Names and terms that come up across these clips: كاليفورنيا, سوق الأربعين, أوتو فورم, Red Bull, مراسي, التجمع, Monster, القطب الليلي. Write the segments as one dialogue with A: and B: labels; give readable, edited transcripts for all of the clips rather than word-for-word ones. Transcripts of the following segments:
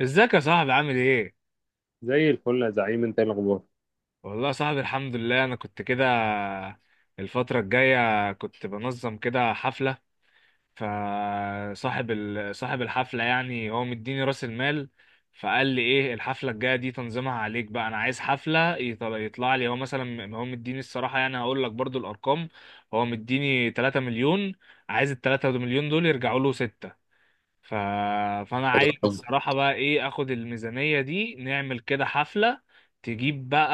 A: ازيك يا صاحبي؟ عامل ايه؟
B: زي الفل يا زعيم، انت ايه الاخبار؟
A: والله يا صاحبي الحمد لله، انا كنت كده الفترة الجاية كنت بنظم كده حفلة. صاحب الحفلة يعني هو مديني راس المال. فقال لي ايه الحفلة الجاية دي تنظيمها عليك بقى، انا عايز حفلة يطلع لي هو، مثلا هو مديني، الصراحة يعني هقول لك برضو الارقام. هو مديني 3 مليون، عايز ال 3 مليون دول يرجعوا له 6. ف... فانا
B: حلو
A: عايز
B: أوي.
A: الصراحة بقى ايه اخد الميزانية دي نعمل كده حفلة. تجيب بقى،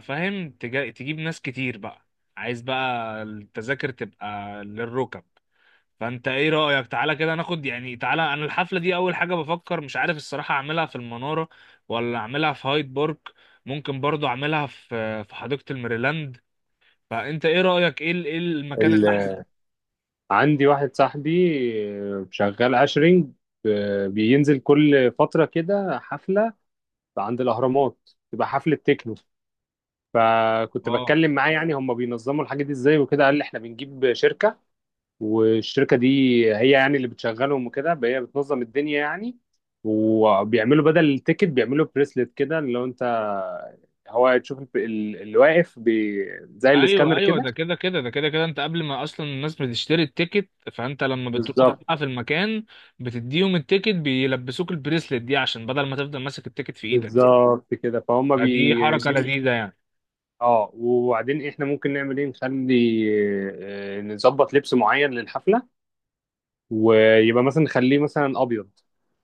A: فاهم، تجيب ناس كتير بقى. عايز بقى التذاكر تبقى للركب. فانت ايه رأيك، تعالى كده ناخد، يعني تعالى، انا الحفلة دي اول حاجة بفكر مش عارف الصراحة اعملها في المنارة، ولا اعملها في هايد بارك، ممكن برضو اعملها في حديقة الميريلاند. فانت ايه رأيك، إيه المكان
B: ال-
A: اللي احسن؟
B: عندي واحد صاحبي، شغال عشرينج، بينزل كل فترة كده حفلة عند الأهرامات، تبقى حفلة تكنو. فكنت
A: اه،
B: بتكلم معاه، يعني هم بينظموا الحاجة دي ازاي وكده، قال لي احنا بنجيب شركة. والشركة دي هي يعني اللي بتشغلهم وكده، هي بتنظم الدنيا يعني. وبيعملوا بدل التيكت بيعملوا بريسلت كده، اللي هو انت هو تشوف اللي واقف زي
A: ايوه
B: السكانر
A: ايوه،
B: كده.
A: ده كده كده انت قبل ما اصلا الناس بتشتري التيكت، فانت لما بتروح
B: بالظبط.
A: بقى في المكان بتديهم التيكت بيلبسوك البريسلت دي عشان بدل ما تفضل ماسك التيكت في ايدك.
B: بالظبط كده، فهم
A: فدي حركه
B: بيجيبوا.
A: لذيذه يعني.
B: اه، وبعدين احنا ممكن نعمل ايه، نخلي، نظبط لبس معين للحفله، ويبقى مثلا نخليه مثلا ابيض.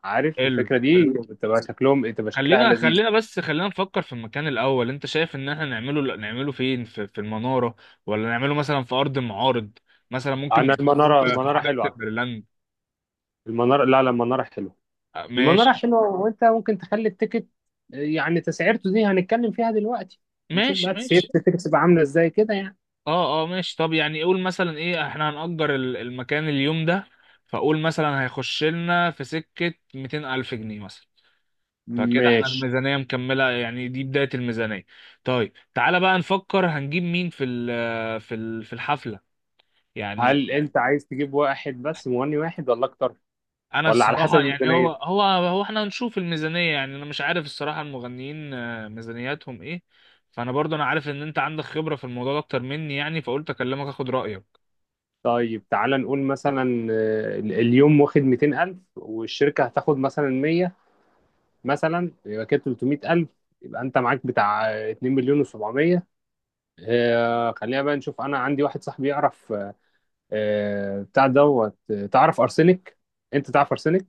B: عارف
A: حلو
B: الفكره
A: حلو.
B: دي بتبقى شكلهم، تبقى شكلها
A: خلينا
B: لذيذ.
A: خلينا بس خلينا نفكر في المكان الاول. انت شايف ان احنا نعمله فين، في المناره، ولا نعمله مثلا في ارض المعارض؟ مثلا ممكن
B: انا
A: نعمله
B: المناره
A: في
B: المناره
A: حديقه
B: حلوه على فكره.
A: الميرلاند.
B: المناره، لا لا، المناره حلوه.
A: آه،
B: المناره
A: ماشي
B: حلوه، وانت ممكن تخلي التيكت، يعني تسعيرته دي هنتكلم فيها دلوقتي. هنشوف
A: ماشي
B: بقى تسعيره
A: ماشي.
B: التيكت تبقى عامله ازاي كده يعني.
A: اه اه ماشي. طب يعني قول مثلا ايه، احنا هنأجر المكان اليوم ده، فقول مثلا هيخش لنا في سكة 200 ألف جنيه مثلا. فكده احنا
B: ماشي.
A: الميزانية مكملة يعني، دي بداية الميزانية. طيب تعالى بقى نفكر هنجيب مين في في الحفلة، يعني.
B: هل انت عايز تجيب واحد بس، مغني واحد، ولا اكتر،
A: انا
B: ولا على حسب
A: الصراحة يعني هو
B: الميزانية؟
A: هو هو احنا هنشوف الميزانية، يعني انا مش عارف الصراحة المغنيين ميزانياتهم ايه. فانا برضو انا عارف ان انت عندك خبرة في الموضوع ده اكتر مني يعني، فقلت اكلمك اخد رأيك.
B: طيب تعالى نقول مثلا، اليوم واخد 200000، والشركة هتاخد مثلا 100، مثلا يبقى كده 300000، يبقى انت معاك بتاع 2 مليون و700. خلينا بقى نشوف، انا عندي واحد صاحبي يعرف، بتاع دوت، تعرف ارسنك؟ انت تعرف ارسنك.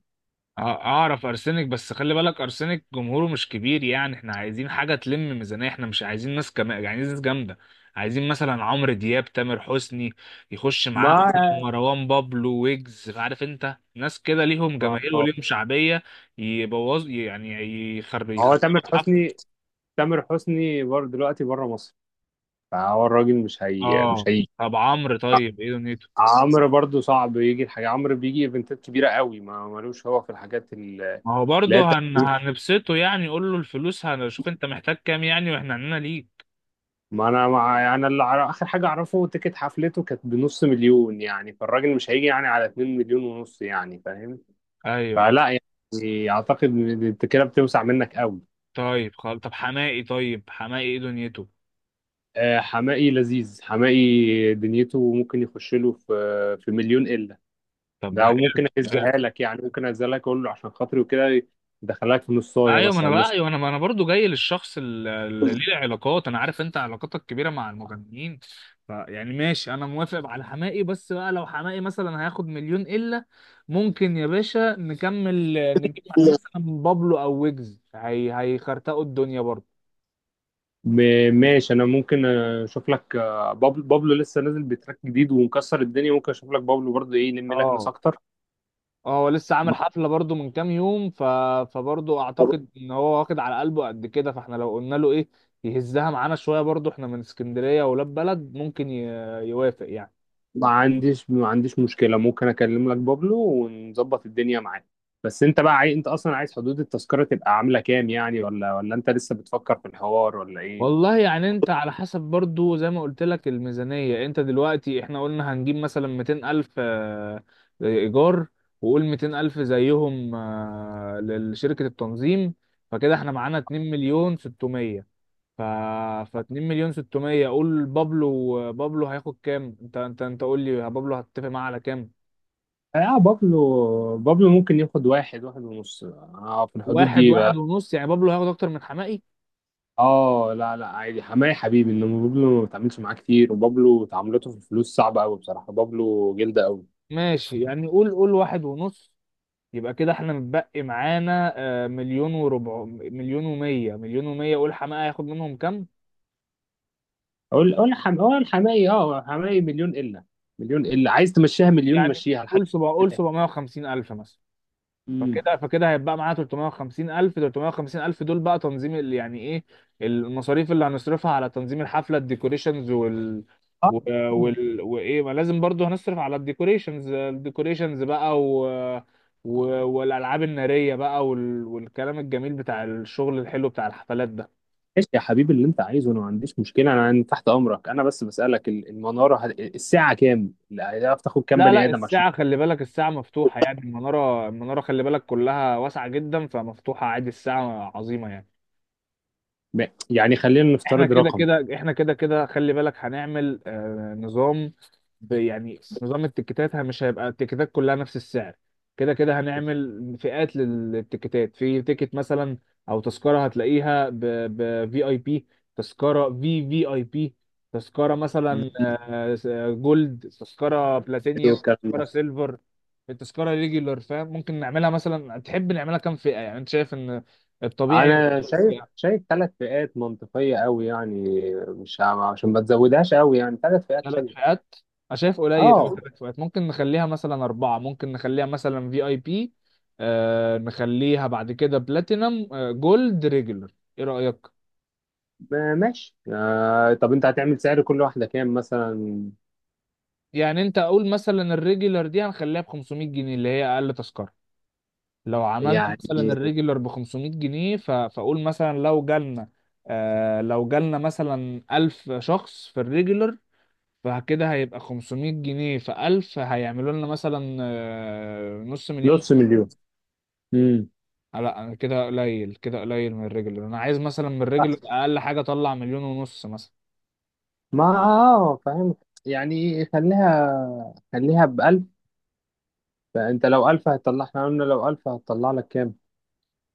A: اعرف ارسنك، بس خلي بالك ارسنك جمهوره مش كبير يعني، احنا عايزين حاجه تلم ميزانيه، احنا مش عايزين ناس عايزين ناس جامده. عايزين مثلا عمرو دياب، تامر حسني، يخش معاها
B: ما
A: مثلا مروان بابلو، ويجز، عارف، انت ناس كده ليهم جماهير
B: ما-
A: وليهم شعبيه. يبوظ يعني،
B: هو
A: يخربوا
B: تامر
A: الحفله.
B: حسني، تامر حسني برضه دلوقتي بره مصر، فهو الراجل
A: اه.
B: مش هيجي.
A: طب عمرو، طيب ايه دنيته؟
B: عمرو برضو صعب يجي، الحاجة عمرو بيجي ايفنتات كبيرة قوي، ما ملوش هو في الحاجات
A: ما هو
B: اللي هي
A: برضه
B: التقريب.
A: هنبسطه يعني، قول له الفلوس هنشوف انت محتاج كام يعني، واحنا عندنا ليك.
B: ما انا مع يعني اخر حاجة اعرفه تيكت حفلته كانت بنص مليون، يعني فالراجل مش هيجي يعني على 2 مليون ونص، يعني فاهم.
A: ايوه أيوة.
B: فلا يعني اعتقد إن انت كده بتوسع منك قوي.
A: طيب خلاص، طب حماقي، طيب حماقي ايه دنيته؟
B: حماقي لذيذ، حماقي دنيته ممكن يخش له في مليون الا.
A: طب ده
B: ده
A: حلو.
B: وممكن
A: حلو.
B: اهزها لك يعني، ممكن اهزها لك، اقول له عشان خاطري وكده، يدخلك في نصايه
A: ايوه، ما انا
B: مثلا
A: بقى
B: نص.
A: ايوه، انا ما انا برضو جاي للشخص اللي ليه علاقات، انا عارف انت علاقاتك كبيره مع المغنيين. فيعني ماشي، انا موافق على حماقي، بس بقى لو حماقي مثلا هياخد مليون الا، ممكن يا باشا نكمل نجيب معاه مثلا بابلو او ويجز، هي هيخرتقوا الدنيا برضو.
B: ماشي، انا ممكن اشوف لك بابلو لسه نازل بتراك جديد ومكسر الدنيا، ممكن اشوف لك بابلو برضه ايه يلم لك ناس
A: اه.
B: اكتر.
A: اه هو لسه عامل
B: ما
A: حفلة برضو من كام يوم، فبرضو اعتقد ان هو واخد على قلبه قد كده، فاحنا لو قلنا له ايه يهزها معانا شوية برضو، احنا من اسكندرية ولاد بلد، ممكن يوافق يعني.
B: ما عنديش مشكله، ممكن اكلم لك بابلو، ونظبط الدنيا معاه. بس انت بقى انت اصلا عايز حدود التذكره تبقى عامله كام يعني، ولا انت لسه بتفكر في الحوار ولا ايه؟
A: والله يعني انت على حسب برضو زي ما قلت لك الميزانية. انت دلوقتي احنا قلنا هنجيب مثلا 200 الف ايجار، وقول 200 الف زيهم لشركة التنظيم. فكده احنا معانا 2 مليون 600. ف ف 2 مليون 600، قول بابلو، بابلو هياخد كام، انت قول لي بابلو هتتفق معاه على كام.
B: اه، بابلو ممكن ياخد واحد، واحد ونص. اه، في الحدود
A: واحد،
B: دي.
A: واحد ونص، يعني بابلو هياخد اكتر من حمائي.
B: اه، لا لا، عادي، حماية حبيبي، انما بابلو ما بتعاملش معاه كتير، وبابلو تعاملاته في الفلوس صعبة قوي، بصراحة بابلو جلدة قوي.
A: ماشي، يعني قول قول واحد ونص، يبقى كده احنا متبقي معانا مليون وربع، مليون ومية، مليون ومية، قول حمائي هياخد منهم كام.
B: اقول اه الحماية اه حماية مليون الا. مليون الا، عايز تمشيها مليون؟
A: يعني
B: مشيها لحد
A: قول سبع، قول
B: البداية.
A: 750 ألف مثلا.
B: امم.
A: فكده هيبقى معانا 350 ألف. 350 ألف دول بقى تنظيم يعني إيه، المصاريف اللي هنصرفها على تنظيم الحفلة، الديكوريشنز
B: اه،
A: و- وال وإيه، ما لازم برضو هنصرف على الديكوريشنز، الديكوريشنز بقى و... والألعاب النارية بقى والكلام الجميل بتاع الشغل الحلو بتاع الحفلات ده.
B: ماشي يا حبيبي، اللي انت عايزه انا ما عنديش مشكلة، انا تحت امرك، انا بس بسألك المنارة الساعة كام؟ لا، هتعرف تاخد كام
A: لا
B: بني
A: لا
B: ادم عشان
A: الساعة، خلي بالك الساعة مفتوحة يعني، المنارة، المنارة خلي بالك كلها واسعة جدا، فمفتوحة عادي، الساعة عظيمة يعني.
B: يعني خلينا
A: احنا
B: نفترض
A: كده
B: رقم.
A: كده احنا كده كده خلي بالك هنعمل نظام، يعني نظام التيكيتات مش هيبقى التيكيتات كلها نفس السعر. كده كده هنعمل فئات للتيكيتات. في تيكت مثلا او تذكرة هتلاقيها ب في اي بي، تذكرة في في اي بي، تذكرة مثلا
B: مم.
A: جولد، تذكرة
B: حلو
A: بلاتينيوم،
B: الكلام ده.
A: تذكرة سيلفر، التذكرة ريجولار، فاهم. ممكن نعملها مثلا، تحب نعملها كام فئة يعني، انت شايف ان الطبيعي
B: انا شايف ثلاث فئات منطقيه قوي يعني، مش ه- عشان ما تزودهاش قوي يعني، ثلاث فئات
A: ثلاث
B: شايف.
A: فئات. انا شايف قليل قوي
B: اه،
A: ثلاث فئات، ممكن نخليها مثلا اربعه، ممكن نخليها مثلا في اي بي، آه نخليها بعد كده بلاتينم، آه جولد، ريجولر، ايه رايك.
B: ماشي، طب انت هتعمل سعر كل واحده كام مثلا.
A: يعني انت اقول مثلا الريجولر دي هنخليها ب 500 جنيه، اللي هي اقل تذكره. لو عملنا
B: يعني
A: مثلا الريجولر ب 500 جنيه فاقول مثلا لو جالنا، لو جالنا مثلا 1000 شخص في الريجولر، فكده هيبقى 500 جنيه في 1000، هيعملوا لنا مثلا نص مليون.
B: نص مليون. امم
A: لا انا كده قليل، كده قليل من الرجل، انا عايز مثلا من الرجل اقل حاجه اطلع مليون ونص مثلا.
B: ما اه فاهم. يعني خليها ب 1000. فانت لو 1000 هتطلع، احنا قلنا لو 1000 هتطلع لك كام؟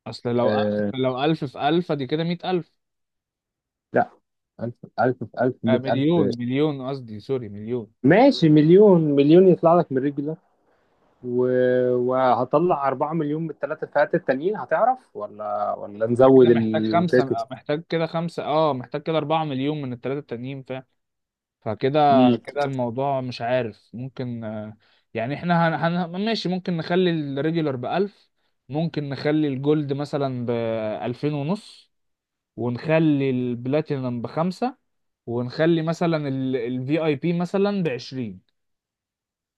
A: اصل لو ألف،
B: آه
A: لو ألف في ألف دي كده مئة ألف.
B: لا، 1000، 1000 في 1000،
A: مليون،
B: 100000.
A: مليون قصدي، سوري، مليون.
B: ماشي، مليون، مليون يطلع لك من رجل، و... وهطلع 4 مليون من الثلاث فئات التانيين، هتعرف؟ ولا
A: أنا
B: نزود
A: كده محتاج خمسة،
B: التيكت؟
A: محتاج كده خمسة، اه محتاج كده أربعة مليون من التلاتة التانيين فاهم. فكده
B: امم
A: كده الموضوع مش عارف ممكن، يعني احنا ماشي ممكن نخلي الريجولر بألف، ممكن نخلي الجولد مثلا بألفين ونص، ونخلي البلاتينم بخمسة، ونخلي مثلا الفي اي بي مثلا بعشرين.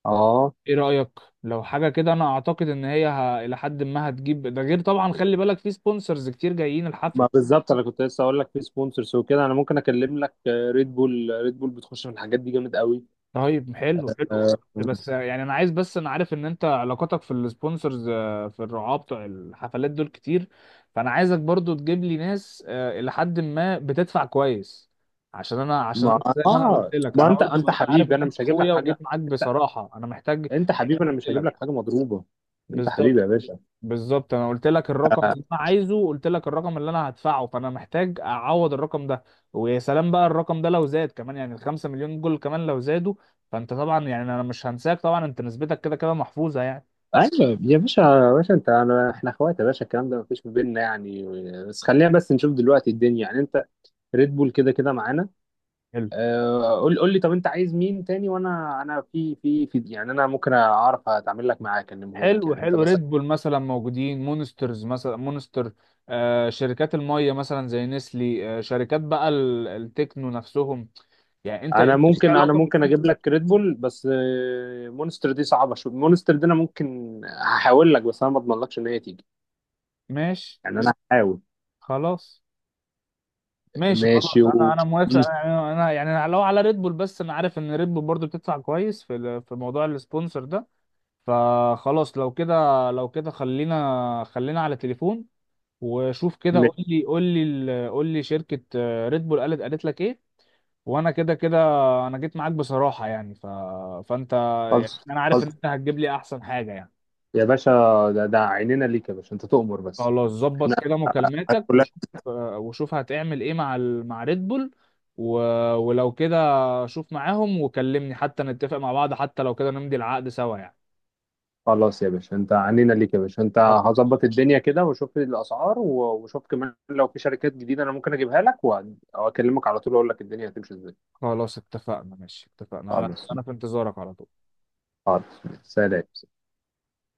B: اه،
A: ايه رأيك؟ لو حاجة كده انا اعتقد ان هي الى حد ما هتجيب، ده غير طبعا خلي بالك في سبونسرز كتير جايين الحفلة.
B: ما بالظبط، انا كنت لسه اقول لك في سبونسرز وكده، انا ممكن اكلم لك ريد بول، ريد بول بتخش في الحاجات دي جامد قوي.
A: طيب حلو حلو.
B: آه،
A: بس يعني انا عايز، بس انا عارف ان انت علاقاتك في السبونسرز في الرعاة بتوع الحفلات دول كتير، فانا عايزك برضو تجيب لي ناس الى حد ما بتدفع كويس، عشان انا عشان
B: ما
A: انا زي ما انا قلت
B: اه
A: لك،
B: ما
A: انا
B: انت،
A: برضو
B: انت
A: انا عارف
B: حبيبي،
A: ان
B: انا
A: انت
B: مش هجيب لك
A: اخويا،
B: حاجه.
A: وجيت معاك
B: انت
A: بصراحة انا محتاج.
B: انت
A: يعني أنا
B: حبيبي، انا
A: قلت
B: مش هجيب
A: لك
B: لك حاجه مضروبه. انت حبيبي
A: بالظبط.
B: يا باشا.
A: بالظبط انا قلت لك الرقم
B: آه،
A: اللي انا عايزه، قلت لك الرقم اللي انا هدفعه، فانا محتاج اعوض الرقم ده، ويا سلام بقى الرقم ده لو زاد كمان، يعني الخمسة مليون دول كمان لو زادوا. فانت طبعا يعني انا مش هنساك طبعا، انت نسبتك كده كده محفوظة يعني.
B: ايوه يا باشا، يا باشا انت انا احنا اخوات يا باشا، الكلام ده مفيش ما بيننا يعني. بس خلينا بس نشوف دلوقتي الدنيا، يعني انت ريد بول كده كده معانا.
A: حلو
B: قول لي طب، انت عايز مين تاني؟ وانا، انا في في في يعني انا ممكن اعرف اتعامل لك معاه، اكلمه لك
A: حلو.
B: يعني انت
A: حلو،
B: مثلا.
A: ريد بول مثلا موجودين، مونسترز مثلا، مونستر، آه شركات المية مثلا زي نسلي، آه شركات بقى التكنو نفسهم يعني، انت
B: انا
A: ليك
B: ممكن انا
A: علاقة بال.
B: ممكن اجيب لك ريد بول، بس مونستر دي صعبه شويه، مونستر دي انا ممكن هحاول لك، بس انا ما اضمنلكش ان هي تيجي.
A: ماشي.
B: يعني انا هحاول.
A: خلاص ماشي
B: ماشي،
A: خلاص، انا انا موافق،
B: مم،
A: يعني أنا لو على ريد بول، بس انا عارف ان ريد بول برضو بتدفع كويس في في موضوع السبونسر ده. فخلاص لو كده، لو كده خلينا، خلينا على تليفون، وشوف كده،
B: ماشي.
A: قول لي، قول لي شركة ريد بول قالت، قالت لك ايه. وانا كده كده انا جيت معاك بصراحة يعني، فانت يعني،
B: خلص،
A: انا عارف ان
B: خلص
A: انت هتجيب لي احسن حاجة يعني.
B: يا باشا، ده عينينا ليك يا باشا، انت تؤمر بس.
A: خلاص ظبط كده مكالماتك
B: احنا
A: وشوف، وشوف هتعمل ايه مع مع ريد بول. و... ولو كده شوف معاهم وكلمني حتى نتفق مع بعض، حتى لو كده نمضي العقد سوا يعني.
B: خلاص يا باشا، انت عنينا ليك يا باشا، انت
A: خلاص
B: هظبط الدنيا كده وشوف الاسعار، وشوف كمان لو في شركات جديده انا ممكن اجيبها لك، واكلمك على طول، اقول لك الدنيا هتمشي ازاي.
A: خلاص اتفقنا، ماشي اتفقنا، على
B: خلاص،
A: انا في انتظارك على طول.
B: خلاص، سلام.